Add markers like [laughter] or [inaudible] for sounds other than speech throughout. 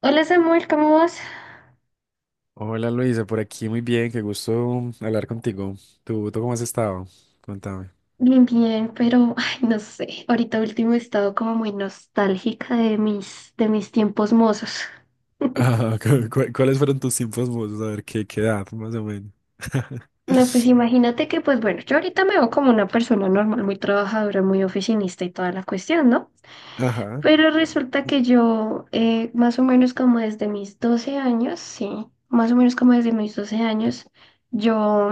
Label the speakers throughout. Speaker 1: Hola Samuel, ¿cómo vas?
Speaker 2: Hola Luisa, por aquí muy bien, qué gusto hablar contigo. ¿Tú cómo has estado? Contame.
Speaker 1: Bien, bien, pero ay, no sé, ahorita último he estado como muy nostálgica de mis tiempos mozos. [laughs]
Speaker 2: Ah, [laughs] ¿cuáles fueron tus tiempos mozos? A ver, ¿qué edad, más o menos? [laughs]
Speaker 1: No, pues imagínate que, pues bueno, yo ahorita me veo como una persona normal, muy trabajadora, muy oficinista y toda la cuestión, ¿no?
Speaker 2: Ajá.
Speaker 1: Pero resulta que yo, más o menos como desde mis 12 años, sí, más o menos como desde mis 12 años, yo,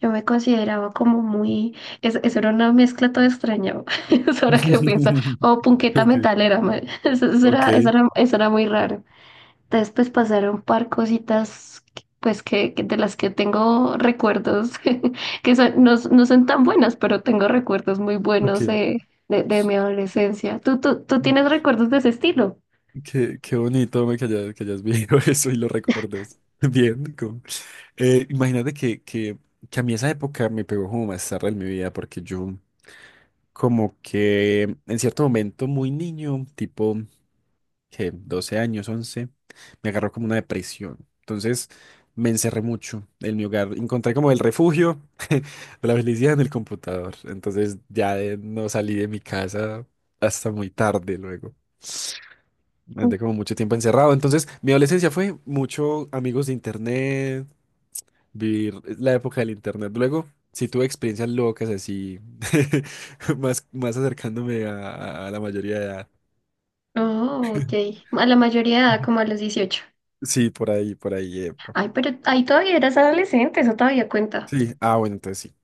Speaker 1: yo me consideraba como muy, eso era una mezcla toda extraña, [laughs] eso ahora que pienso, o
Speaker 2: [laughs]
Speaker 1: punqueta metalera, [laughs] eso, eso
Speaker 2: Ok,
Speaker 1: era, eso era, eso era muy raro. Después pasaron un par cositas, que de las que tengo recuerdos, [laughs] que son- no, s- no son tan buenas, pero tengo recuerdos muy
Speaker 2: ok.
Speaker 1: buenos
Speaker 2: Ok.
Speaker 1: de mi adolescencia. ¿Tú tienes recuerdos de ese estilo?
Speaker 2: Qué bonito me que hayas vivido [laughs] eso y lo recuerdes. Bien, imagínate que a mí esa época me pegó como más tarde en mi vida, porque yo como que en cierto momento muy niño, tipo que 12 años, 11 me agarró como una depresión. Entonces me encerré mucho en mi hogar. Encontré como el refugio [laughs] de la felicidad en el computador. Entonces ya no salí de mi casa hasta muy tarde luego. Andé como mucho tiempo encerrado. Entonces mi adolescencia fue mucho amigos de internet, vivir la época del internet. Luego sí tuve experiencias locas así, [laughs] más acercándome a la mayoría de edad.
Speaker 1: Oh, ok. A la mayoría de edad, como a
Speaker 2: [laughs]
Speaker 1: los 18.
Speaker 2: Sí, por ahí, por ahí.
Speaker 1: Ay, pero ahí todavía eras adolescente, eso todavía cuenta.
Speaker 2: Sí, ah, bueno, entonces sí.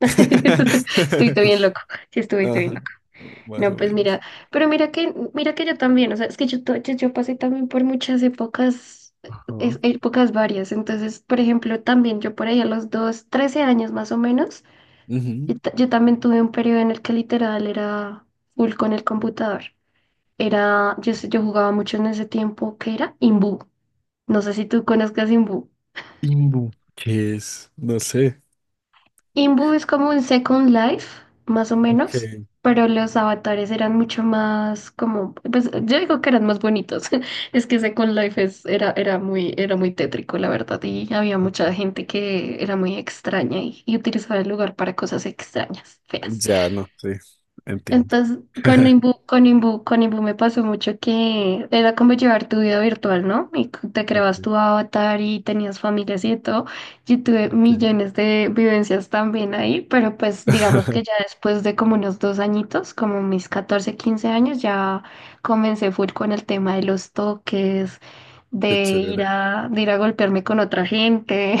Speaker 1: [laughs] Estuviste bien
Speaker 2: [laughs]
Speaker 1: loco. Sí, estuviste bien.
Speaker 2: Ajá, más
Speaker 1: No,
Speaker 2: o
Speaker 1: pues mira,
Speaker 2: menos.
Speaker 1: pero mira que yo también, o sea, es que yo, yo pasé también por muchas épocas,
Speaker 2: Ajá.
Speaker 1: épocas varias. Entonces, por ejemplo, también yo por ahí a los dos, 13 años más o menos,
Speaker 2: Ujú.
Speaker 1: yo también tuve un periodo en el que literal era full con el computador. Era, yo jugaba mucho en ese tiempo que era Imbu, no sé si tú conozcas Imbu.
Speaker 2: Imbu, ¿qué es? No sé.
Speaker 1: Imbu es como un Second Life, más o
Speaker 2: Ok.
Speaker 1: menos, pero los avatares eran mucho más como, pues yo digo que eran más bonitos. [laughs] Es que Second Life es, era, era muy tétrico, la verdad, y había
Speaker 2: Ok.
Speaker 1: mucha gente que era muy extraña y utilizaba el lugar para cosas extrañas, feas.
Speaker 2: Ya, no, sí, entiendo.
Speaker 1: Entonces, con
Speaker 2: [laughs]
Speaker 1: Imbu, con Imbu, con Imbu me pasó mucho que era como llevar tu vida virtual, ¿no? Y te
Speaker 2: Ok,
Speaker 1: creabas tu avatar y tenías familias y de todo. Yo tuve
Speaker 2: ok.
Speaker 1: millones de vivencias también ahí, pero pues digamos que ya
Speaker 2: [laughs]
Speaker 1: después de como unos dos añitos, como mis 14, 15 años, ya comencé full con el tema de los toques,
Speaker 2: Qué chévere.
Speaker 1: de ir a golpearme con otra gente,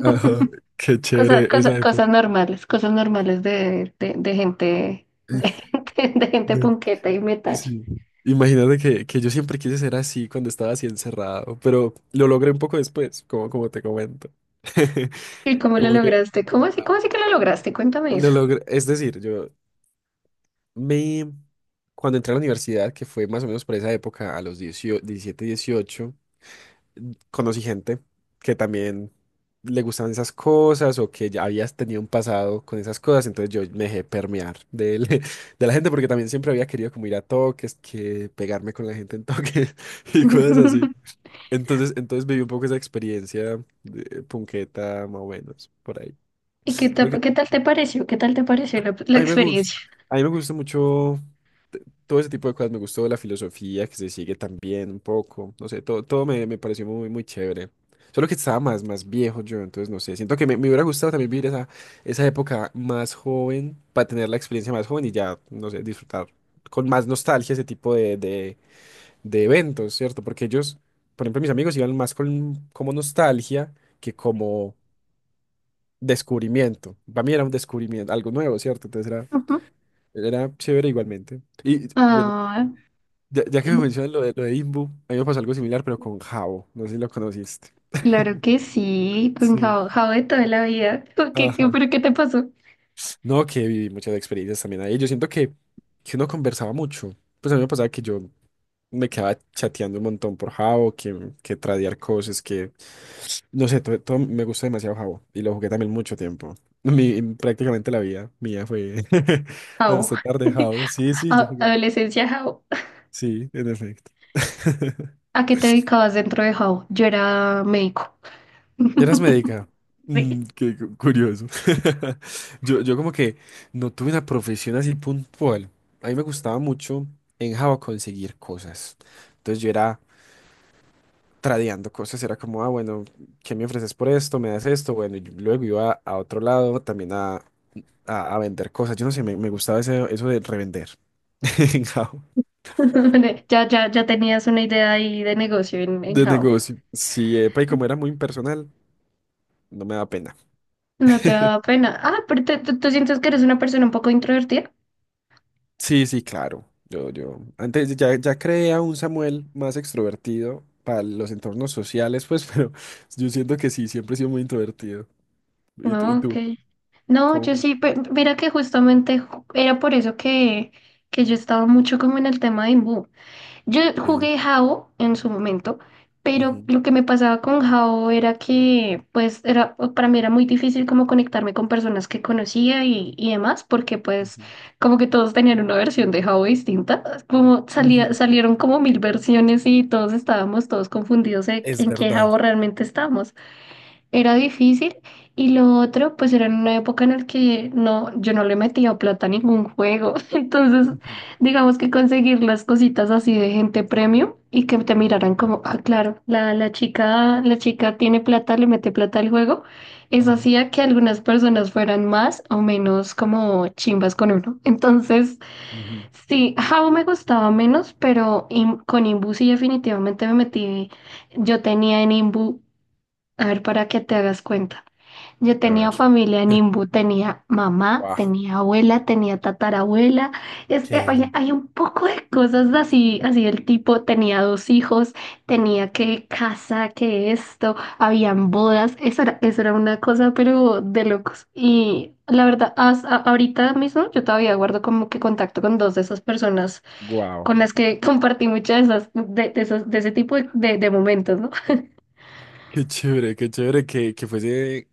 Speaker 2: Ajá, qué chévere esa época.
Speaker 1: cosas normales de, de gente, [laughs]
Speaker 2: Eh,
Speaker 1: de gente
Speaker 2: No,
Speaker 1: punqueta y metacha.
Speaker 2: Sí. Imagínate que yo siempre quise ser así cuando estaba así encerrado, pero lo logré un poco después, como te comento. [laughs]
Speaker 1: ¿Y cómo lo
Speaker 2: Como que
Speaker 1: lograste?
Speaker 2: ah,
Speaker 1: Cómo así que lo lograste? Cuéntame
Speaker 2: lo
Speaker 1: eso.
Speaker 2: logré, es decir, Me, cuando entré a la universidad, que fue más o menos por esa época, a los 18, 17, 18, conocí gente que también le gustaban esas cosas o que ya habías tenido un pasado con esas cosas, entonces yo me dejé permear [laughs] de la gente porque también siempre había querido como ir a toques, que pegarme con la gente en toques [laughs] y cosas así.
Speaker 1: [laughs]
Speaker 2: Entonces viví un poco esa experiencia de punqueta, más o menos, por ahí.
Speaker 1: ¿Y qué tal te pareció? ¿Qué tal te pareció la
Speaker 2: A mí me gusta,
Speaker 1: experiencia?
Speaker 2: a mí me gusta mucho t- todo ese tipo de cosas. Me gustó la filosofía que se sigue también un poco. No sé, todo me pareció muy, muy chévere. Solo que estaba más viejo yo, entonces no sé. Siento que me hubiera gustado también vivir esa época más joven para tener la experiencia más joven y ya, no sé, disfrutar con más nostalgia ese tipo de eventos, ¿cierto? Porque ellos, por ejemplo, mis amigos iban más con como nostalgia que como descubrimiento. Para mí era un descubrimiento, algo nuevo, ¿cierto? Entonces era.
Speaker 1: Ujú.
Speaker 2: Era chévere igualmente. Y bueno,
Speaker 1: Ah,
Speaker 2: ya que me mencionas lo de Imbu, a mí me pasó algo similar, pero con Jabo. No sé si lo conociste.
Speaker 1: claro que sí, con
Speaker 2: Sí.
Speaker 1: Jao, Jao de toda la vida. ¿Por ¿Qué,
Speaker 2: Ajá.
Speaker 1: pero qué te pasó?
Speaker 2: No, que viví muchas experiencias también ahí. Yo siento que uno conversaba mucho. Pues a mí me pasaba que yo me quedaba chateando un montón por Jabo, que tradear cosas, No sé, todo me gustó demasiado Jabo. Y lo jugué también mucho tiempo. [laughs] Prácticamente la vida mía fue [laughs]
Speaker 1: Jao.
Speaker 2: hasta tarde Jabo.
Speaker 1: [laughs]
Speaker 2: Sí, sí, yo
Speaker 1: A-
Speaker 2: jugué.
Speaker 1: Adolescencia Jao.
Speaker 2: Sí, en efecto. [laughs]
Speaker 1: ¿A qué te dedicabas dentro de Jao? Yo era médico.
Speaker 2: Eras
Speaker 1: [laughs]
Speaker 2: médica.
Speaker 1: Sí.
Speaker 2: Mm, qué curioso. [laughs] Yo como que no tuve una profesión así puntual. A mí me gustaba mucho en Java conseguir cosas. Entonces yo era tradeando cosas, era como, ah, bueno, ¿qué me ofreces por esto? ¿Me das esto? Bueno, y luego iba a otro lado también a vender cosas. Yo no sé, me gustaba eso de revender [laughs] en Java,
Speaker 1: [laughs] Ya tenías una idea ahí de negocio en
Speaker 2: de
Speaker 1: How.
Speaker 2: negocio. Sí, epa, y como era muy impersonal, no me da pena.
Speaker 1: No te da pena. Ah, pero tú sientes que eres una persona un poco introvertida.
Speaker 2: Sí, sí, claro. Yo antes ya creé a un Samuel más extrovertido para los entornos sociales, pues, [laughs] pero yo siento que sí, siempre he sido muy introvertido. ¿Y, tú? y
Speaker 1: No, ok.
Speaker 2: tú?
Speaker 1: No,
Speaker 2: ¿Cómo
Speaker 1: yo
Speaker 2: fue?
Speaker 1: sí, mira que justamente era por eso que yo estaba mucho como en el tema de Imbu. Yo
Speaker 2: Ok.
Speaker 1: jugué Jao en su momento, pero
Speaker 2: Ujú,
Speaker 1: lo que me pasaba con Jao era que, pues, era, para mí era muy difícil como conectarme con personas que conocía y demás, porque pues
Speaker 2: ujú,
Speaker 1: como que todos tenían una versión de Jao distinta, como salía,
Speaker 2: ujú.
Speaker 1: salieron como mil versiones y todos estábamos todos confundidos
Speaker 2: Es
Speaker 1: en qué
Speaker 2: verdad.
Speaker 1: Jao realmente estábamos. Era difícil. Y lo otro, pues era en una época en la que no, yo no le metía plata a ningún juego. [laughs] Entonces,
Speaker 2: Ujú.
Speaker 1: digamos que conseguir las cositas así de gente premium y que te miraran
Speaker 2: Sí.
Speaker 1: como, ah, claro, la chica, la chica tiene plata, le mete plata al juego. Eso
Speaker 2: Ajá.
Speaker 1: hacía que algunas personas fueran más o menos como chimbas con uno. Entonces,
Speaker 2: Ujú.
Speaker 1: sí, Jabo me gustaba menos, pero con Imbu sí definitivamente me metí. Yo tenía en Imbu, a ver, para que te hagas cuenta. Yo
Speaker 2: A ver.
Speaker 1: tenía familia en
Speaker 2: [laughs]
Speaker 1: Imbu, tenía mamá,
Speaker 2: Guau.
Speaker 1: tenía abuela, tenía tatarabuela. Es que, oye,
Speaker 2: Qué
Speaker 1: hay un poco de cosas así, así el tipo tenía dos hijos, tenía que casa, que esto, habían bodas, eso era una cosa, pero de locos. Y la verdad, ahorita mismo yo todavía guardo como que contacto con dos de esas personas
Speaker 2: guau.
Speaker 1: con las que [laughs] compartí muchas de esas, de, de ese tipo de, de momentos, ¿no?
Speaker 2: Qué chévere que fuese.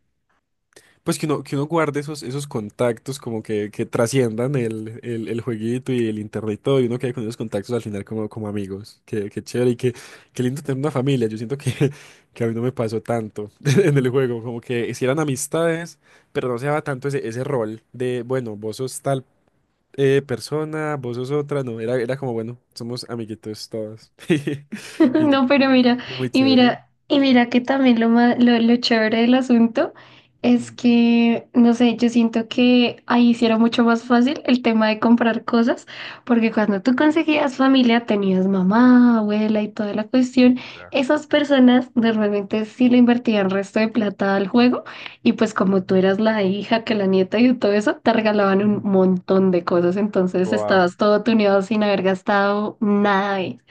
Speaker 2: Pues que uno guarde esos contactos como que trasciendan el jueguito y el internet y todo, y uno quede con esos contactos al final como amigos. Qué chévere y qué lindo tener una familia. Yo siento que, [laughs] que a mí no me pasó tanto [laughs] en el juego, como que si eran amistades, pero no se daba tanto ese rol de, bueno, vos sos tal persona, vos sos otra, no, era como, bueno, somos amiguitos todos. [laughs]
Speaker 1: [laughs]
Speaker 2: Y
Speaker 1: No, pero mira,
Speaker 2: y muy
Speaker 1: y
Speaker 2: chévere.
Speaker 1: mira, y mira que también lo chévere del asunto es
Speaker 2: Mm,
Speaker 1: que, no sé, yo siento que ahí sí era mucho más fácil el tema de comprar cosas, porque cuando tú conseguías familia, tenías mamá, abuela y toda la cuestión, esas personas normalmente sí le invertían resto de plata al juego, y pues como tú eras la hija, que la nieta y todo eso, te regalaban un
Speaker 2: ujú.
Speaker 1: montón de cosas, entonces
Speaker 2: Buah,
Speaker 1: estabas todo tuneado sin haber gastado nada. Y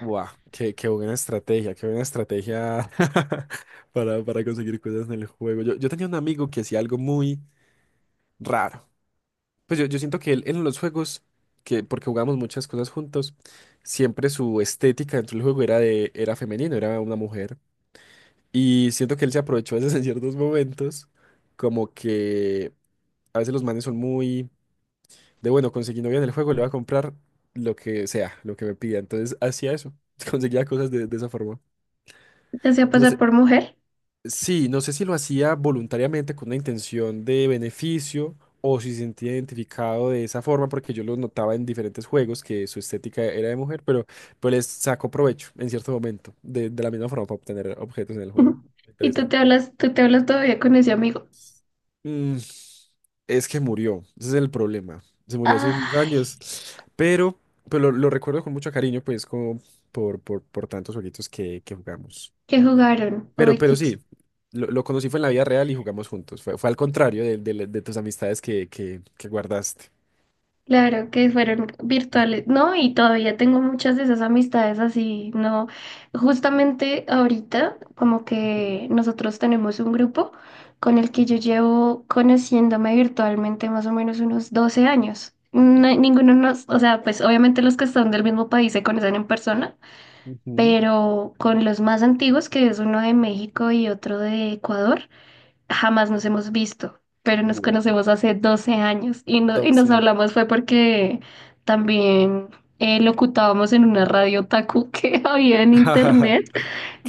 Speaker 2: buah, qué buena estrategia, qué buena estrategia [laughs] para conseguir cosas en el juego. Yo tenía un amigo que hacía algo muy raro. Pues yo siento que él en los juegos, porque jugamos muchas cosas juntos, siempre su estética dentro del juego era femenino, era una mujer. Y siento que él se aprovechó a veces en ciertos momentos, como que a veces los manes son muy de bueno, conseguí novia en el juego, le voy a comprar lo que sea, lo que me pida. Entonces hacía eso, [laughs] conseguía cosas de esa forma.
Speaker 1: te hacía
Speaker 2: No
Speaker 1: pasar
Speaker 2: sé.
Speaker 1: por mujer.
Speaker 2: Sí, no sé si lo hacía voluntariamente con una intención de beneficio o si se sentía identificado de esa forma, porque yo lo notaba en diferentes juegos que su estética era de mujer, pero pues les sacó provecho en cierto momento, de la misma forma para obtener objetos en el juego.
Speaker 1: [laughs] Y tú
Speaker 2: Interesante.
Speaker 1: te hablas, tú te hablas todavía con ese amigo.
Speaker 2: Mm, es que murió, ese es el problema. Se murió hace unos
Speaker 1: Ah,
Speaker 2: años, pero, pero lo recuerdo con mucho cariño, pues como por tantos jueguitos que jugamos.
Speaker 1: que jugaron.
Speaker 2: Pero,
Speaker 1: Ay,
Speaker 2: pero sí, lo conocí fue en la vida real y jugamos juntos. Fue al contrario de tus amistades que guardaste.
Speaker 1: claro, que fueron
Speaker 2: Sí.
Speaker 1: virtuales. No, y todavía tengo muchas de esas amistades así, no. Justamente ahorita, como
Speaker 2: Ujú,
Speaker 1: que nosotros tenemos un grupo con el que yo
Speaker 2: ujú.
Speaker 1: llevo conociéndome virtualmente más o menos unos 12 años. Ninguno nos, o sea, pues obviamente los que están del mismo país se conocen en persona,
Speaker 2: Ujú,
Speaker 1: pero con los más antiguos, que es uno de México y otro de Ecuador, jamás nos hemos visto, pero nos
Speaker 2: guau.
Speaker 1: conocemos hace 12 años y, y
Speaker 2: 12
Speaker 1: nos
Speaker 2: años.
Speaker 1: hablamos fue porque también locutábamos en una radio taku que [laughs] había en
Speaker 2: [laughs]
Speaker 1: internet,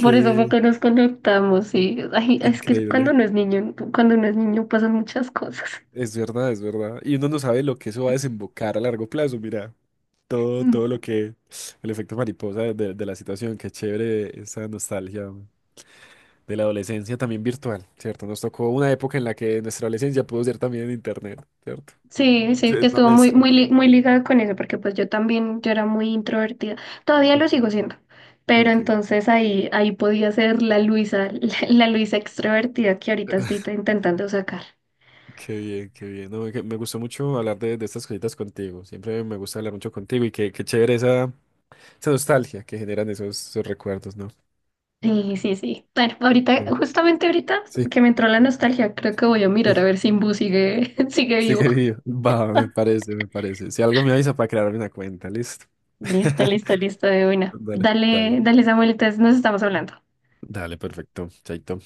Speaker 1: por eso fue que nos conectamos. Y ay, es que cuando
Speaker 2: increíble.
Speaker 1: uno es niño, cuando uno es niño pasan muchas cosas.
Speaker 2: Es verdad, es verdad. Y uno no sabe lo que eso va a desembocar a largo plazo. Mira, todo lo que, el efecto mariposa de la situación. Qué chévere esa nostalgia de la adolescencia también virtual, ¿cierto? Nos tocó una época en la que nuestra adolescencia pudo ser también en internet, ¿cierto?
Speaker 1: Sí, sí,
Speaker 2: Sí,
Speaker 1: que
Speaker 2: es una
Speaker 1: estuvo muy,
Speaker 2: mezcla.
Speaker 1: muy ligado con eso, porque pues yo también, yo era muy introvertida, todavía
Speaker 2: Ok,
Speaker 1: lo sigo siendo, pero
Speaker 2: ok,
Speaker 1: entonces ahí, ahí podía ser la Luisa, [laughs] la Luisa extrovertida que ahorita estoy intentando sacar.
Speaker 2: qué bien, qué bien. No, que me gustó mucho hablar de estas cositas contigo. Siempre me gusta hablar mucho contigo y qué chévere esa nostalgia que generan esos recuerdos, ¿no?
Speaker 1: Sí, sí, sí. Bueno, ahorita,
Speaker 2: Bien.
Speaker 1: justamente ahorita
Speaker 2: Sí,
Speaker 1: que me entró la nostalgia, creo que voy a mirar a
Speaker 2: sí,
Speaker 1: ver si Imbu sigue, [laughs] sigue vivo.
Speaker 2: sigue vivo. [laughs] Va, me parece, me parece. Si algo me avisa para crearme una cuenta, listo.
Speaker 1: Listo,
Speaker 2: [laughs]
Speaker 1: listo, listo, de buena.
Speaker 2: Dale,
Speaker 1: Dale,
Speaker 2: dale.
Speaker 1: dale, Samuel, entonces nos estamos hablando.
Speaker 2: Dale, perfecto. Chaito.